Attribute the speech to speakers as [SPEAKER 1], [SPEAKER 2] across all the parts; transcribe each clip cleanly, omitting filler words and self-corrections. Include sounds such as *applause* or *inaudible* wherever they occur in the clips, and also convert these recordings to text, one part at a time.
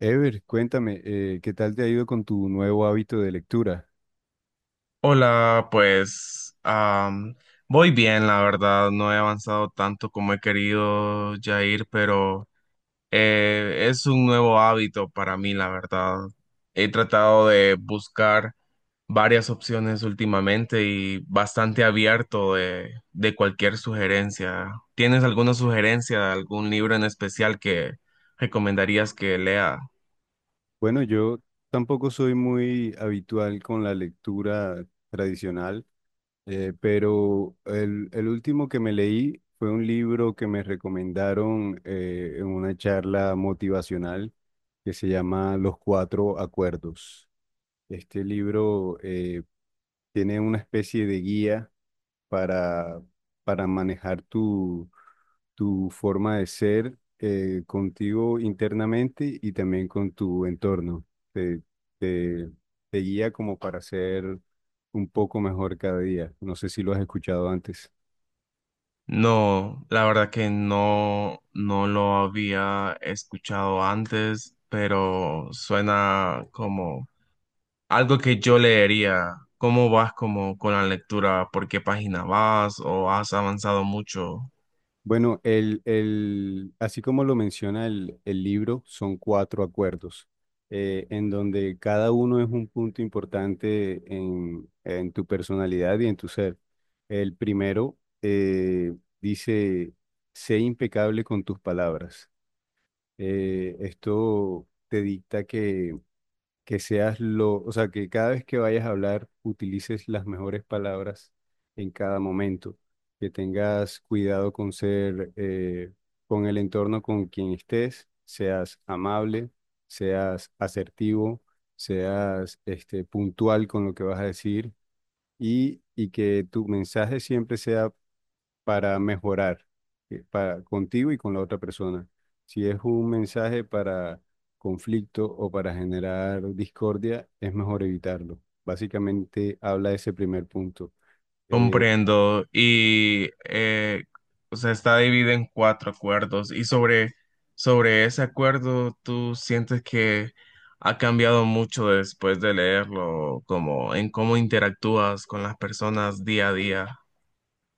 [SPEAKER 1] Ever, cuéntame, ¿qué tal te ha ido con tu nuevo hábito de lectura?
[SPEAKER 2] Hola, pues voy bien, la verdad, no he avanzado tanto como he querido, Jair, pero es un nuevo hábito para mí, la verdad. He tratado de buscar varias opciones últimamente y bastante abierto de cualquier sugerencia. ¿Tienes alguna sugerencia de algún libro en especial que recomendarías que lea?
[SPEAKER 1] Bueno, yo tampoco soy muy habitual con la lectura tradicional, pero el último que me leí fue un libro que me recomendaron en una charla motivacional que se llama Los Cuatro Acuerdos. Este libro tiene una especie de guía para, para manejar tu forma de ser contigo internamente y también con tu entorno. Te, te, te guía como para ser un poco mejor cada día. No sé si lo has escuchado antes.
[SPEAKER 2] No, la verdad que no, no lo había escuchado antes, pero suena como algo que yo leería. ¿Cómo vas como con la lectura? ¿Por qué página vas? ¿O has avanzado mucho?
[SPEAKER 1] Bueno, así como lo menciona el libro, son cuatro acuerdos, en donde cada uno es un punto importante en tu personalidad y en tu ser. El primero dice, sé impecable con tus palabras. Esto te dicta que seas lo, o sea, que cada vez que vayas a hablar utilices las mejores palabras en cada momento, que tengas cuidado con ser, con el entorno con quien estés, seas amable, seas asertivo, seas puntual con lo que vas a decir y que tu mensaje siempre sea para mejorar para, contigo y con la otra persona. Si es un mensaje para conflicto o para generar discordia, es mejor evitarlo. Básicamente habla de ese primer punto. Eh,
[SPEAKER 2] Comprendo. Y o sea, está dividido en cuatro acuerdos. Y sobre ese acuerdo, ¿tú sientes que ha cambiado mucho después de leerlo, como en cómo interactúas con las personas día a día?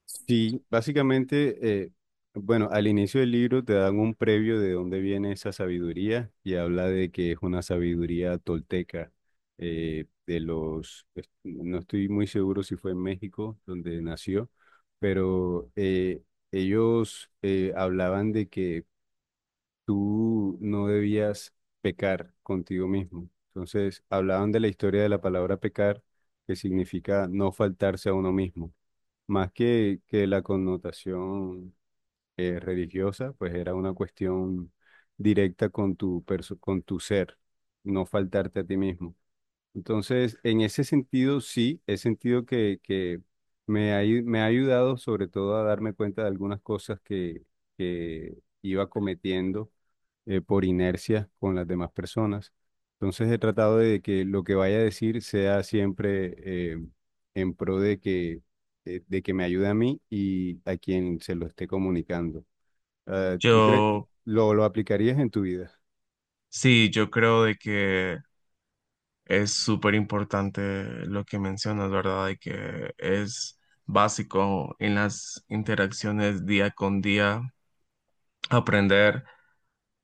[SPEAKER 1] Sí, básicamente, bueno, al inicio del libro te dan un previo de dónde viene esa sabiduría y habla de que es una sabiduría tolteca no estoy muy seguro si fue en México donde nació, pero ellos hablaban de que tú no debías pecar contigo mismo. Entonces, hablaban de la historia de la palabra pecar, que significa no faltarse a uno mismo. Más que la connotación religiosa, pues era una cuestión directa con tu ser, no faltarte a ti mismo. Entonces, en ese sentido, sí, he sentido que me ha ayudado sobre todo a darme cuenta de algunas cosas que iba cometiendo por inercia con las demás personas. Entonces he tratado de que lo que vaya a decir sea siempre en pro de que me ayude a mí y a quien se lo esté comunicando. Ah, ¿tú crees,
[SPEAKER 2] Yo,
[SPEAKER 1] lo aplicarías en tu vida?
[SPEAKER 2] sí, yo creo de que es súper importante lo que mencionas, ¿verdad? De que es básico en las interacciones día con día aprender.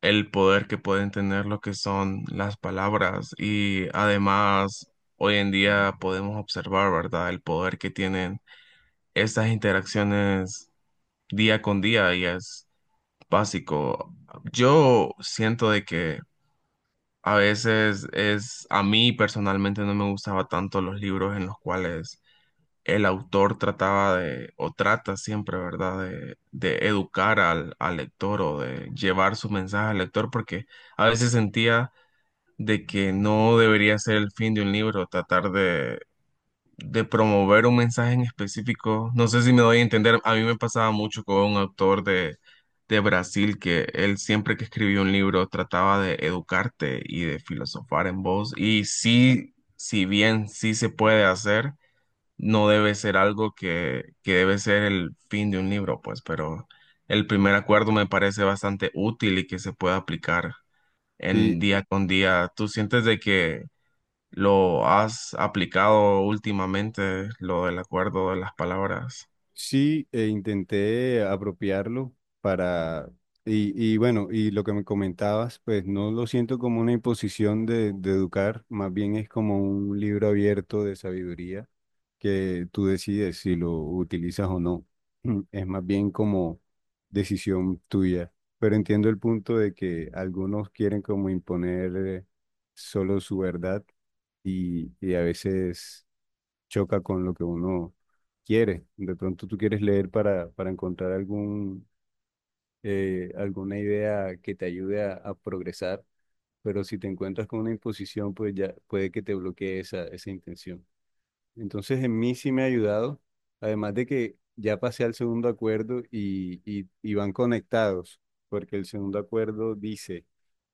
[SPEAKER 2] El poder que pueden tener lo que son las palabras y además hoy en día podemos observar, ¿verdad? El poder que tienen estas interacciones día con día y es básico. Yo siento de que a veces es, a mí personalmente no me gustaba tanto los libros en los cuales el autor trataba de, o trata siempre, ¿verdad?, de educar al lector o de llevar su mensaje al lector, porque a veces sentía de que no debería ser el fin de un libro, tratar de promover un mensaje en específico. No sé si me doy a entender, a mí me pasaba mucho con un autor de Brasil que él siempre que escribía un libro trataba de educarte y de filosofar en voz. Y sí, si bien sí se puede hacer, no debe ser algo que debe ser el fin de un libro, pues, pero... El primer acuerdo me parece bastante útil y que se puede aplicar en
[SPEAKER 1] Sí,
[SPEAKER 2] día con día. ¿Tú sientes de que lo has aplicado últimamente, lo del acuerdo de las palabras?
[SPEAKER 1] Sí, e intenté apropiarlo para, y bueno, y lo que me comentabas, pues no lo siento como una imposición de educar, más bien es como un libro abierto de sabiduría que tú decides si lo utilizas o no. *clears throat* Es más bien como decisión tuya, pero entiendo el punto de que algunos quieren como imponer solo su verdad y a veces choca con lo que uno quiere. De pronto tú quieres leer para encontrar alguna idea que te ayude a progresar, pero si te encuentras con una imposición, pues ya puede que te bloquee esa intención. Entonces, en mí sí me ha ayudado, además de que ya pasé al segundo acuerdo y van conectados, porque el segundo acuerdo dice,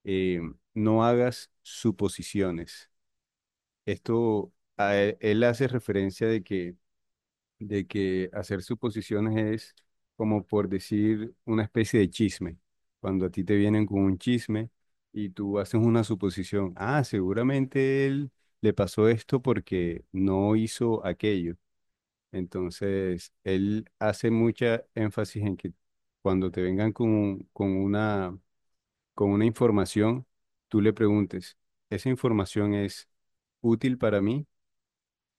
[SPEAKER 1] eh, no hagas suposiciones. Esto, a él él hace referencia de que hacer suposiciones es como por decir una especie de chisme. Cuando a ti te vienen con un chisme y tú haces una suposición, ah, seguramente él le pasó esto porque no hizo aquello. Entonces, él hace mucha énfasis en que cuando te vengan con una información, tú le preguntes, ¿esa información es útil para mí?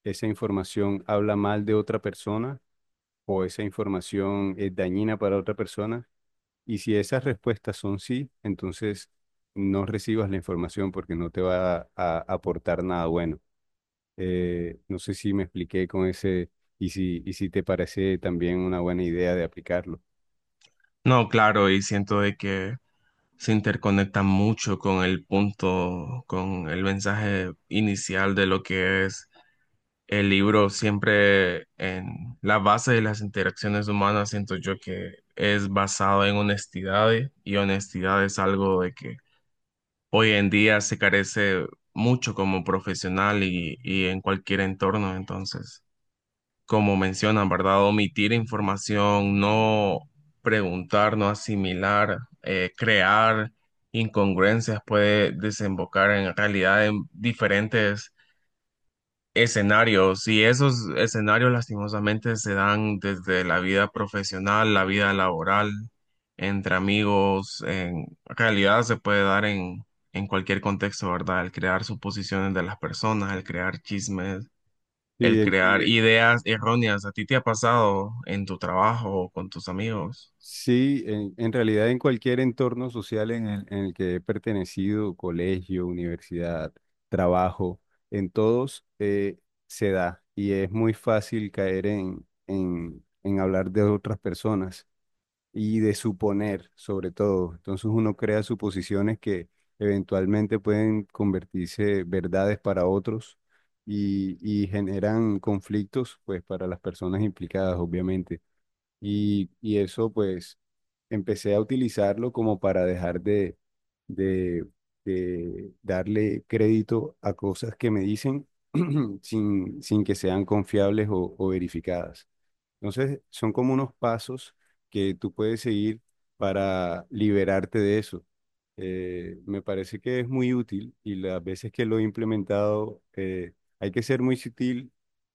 [SPEAKER 1] ¿Esa información habla mal de otra persona? ¿O esa información es dañina para otra persona? Y si esas respuestas son sí, entonces no recibas la información porque no te va a aportar nada bueno. No sé si me expliqué con ese y si te parece también una buena idea de aplicarlo.
[SPEAKER 2] No, claro, y siento de que se interconecta mucho con el punto, con el mensaje inicial de lo que es el libro. Siempre en la base de las interacciones humanas, siento yo que es basado en honestidad y honestidad es algo de que hoy en día se carece mucho como profesional y en cualquier entorno, entonces. Como mencionan, ¿verdad? Omitir información, no preguntar, no asimilar, crear incongruencias puede desembocar en realidad en diferentes escenarios y esos escenarios lastimosamente se dan desde la vida profesional, la vida laboral, entre amigos, en realidad se puede dar en cualquier contexto, ¿verdad? El crear suposiciones de las personas, el crear chismes, el
[SPEAKER 1] Sí,
[SPEAKER 2] crear, sí, ideas erróneas, ¿a ti te ha pasado en tu trabajo o con tus amigos?
[SPEAKER 1] Sí, en realidad en cualquier entorno social en el que he pertenecido, colegio, universidad, trabajo, en todos se da y es muy fácil caer en hablar de otras personas y de suponer sobre todo. Entonces uno crea suposiciones que eventualmente pueden convertirse verdades para otros y generan conflictos pues para las personas implicadas, obviamente. Y eso pues empecé a utilizarlo como para dejar de, de darle crédito a cosas que me dicen *clears throat* sin que sean confiables o verificadas. Entonces son como unos pasos que tú puedes seguir para liberarte de eso. Me parece que es muy útil y las veces que lo he implementado hay que ser muy sutil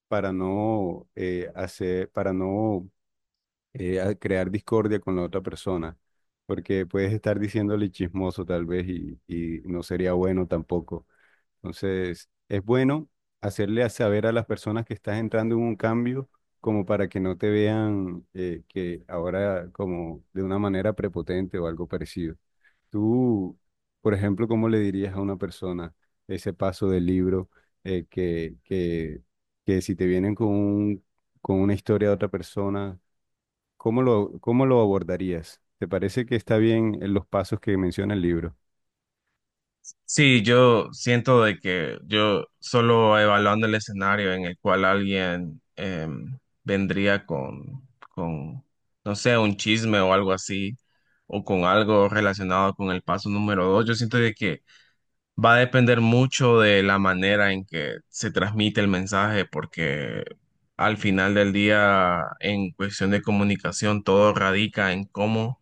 [SPEAKER 1] para no hacer, para no a crear discordia con la otra persona, porque puedes estar diciéndole chismoso tal vez y no sería bueno tampoco. Entonces, es bueno hacerle a saber a las personas que estás entrando en un cambio como para que no te vean que ahora como de una manera prepotente o algo parecido. Tú, por ejemplo, ¿cómo le dirías a una persona ese paso del libro, eh, que, que, que si te vienen con una historia de otra persona? ¿Cómo lo abordarías? ¿Te parece que está bien en los pasos que menciona el libro?
[SPEAKER 2] Sí, yo siento de que yo solo evaluando el escenario en el cual alguien vendría con, no sé, un chisme o algo así, o con algo relacionado con el paso número 2, yo siento de que va a depender mucho de la manera en que se transmite el mensaje, porque al final del día, en cuestión de comunicación, todo radica en cómo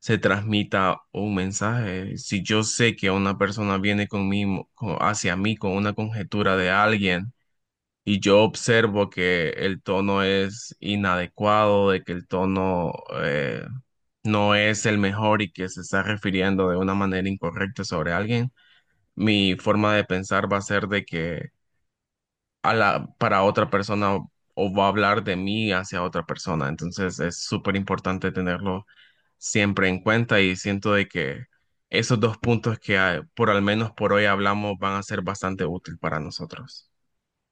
[SPEAKER 2] se transmita un mensaje. Si yo sé que una persona viene conmigo, co- hacia mí con una conjetura de alguien y yo observo que el tono es inadecuado, de que el tono eh, no es el mejor y que se está refiriendo de una manera incorrecta sobre alguien, mi forma de pensar va a ser de que a la, para otra persona o va a hablar de mí hacia otra persona. Entonces es súper importante tenerlo siempre en cuenta y siento de que esos dos puntos que por al menos por hoy hablamos van a ser bastante útil para nosotros.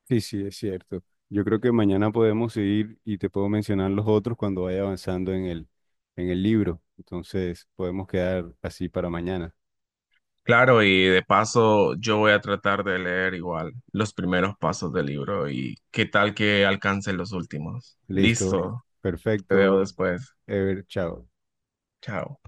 [SPEAKER 1] Sí, sí, es cierto. Yo creo que mañana podemos seguir y te puedo mencionar los otros cuando vaya avanzando en el libro. Entonces, podemos quedar así para mañana.
[SPEAKER 2] Claro, y de paso yo voy a tratar de leer igual los primeros pasos del libro y qué tal que alcance los últimos.
[SPEAKER 1] Listo.
[SPEAKER 2] Listo, te veo
[SPEAKER 1] Perfecto.
[SPEAKER 2] después.
[SPEAKER 1] Ever, chao.
[SPEAKER 2] Chao.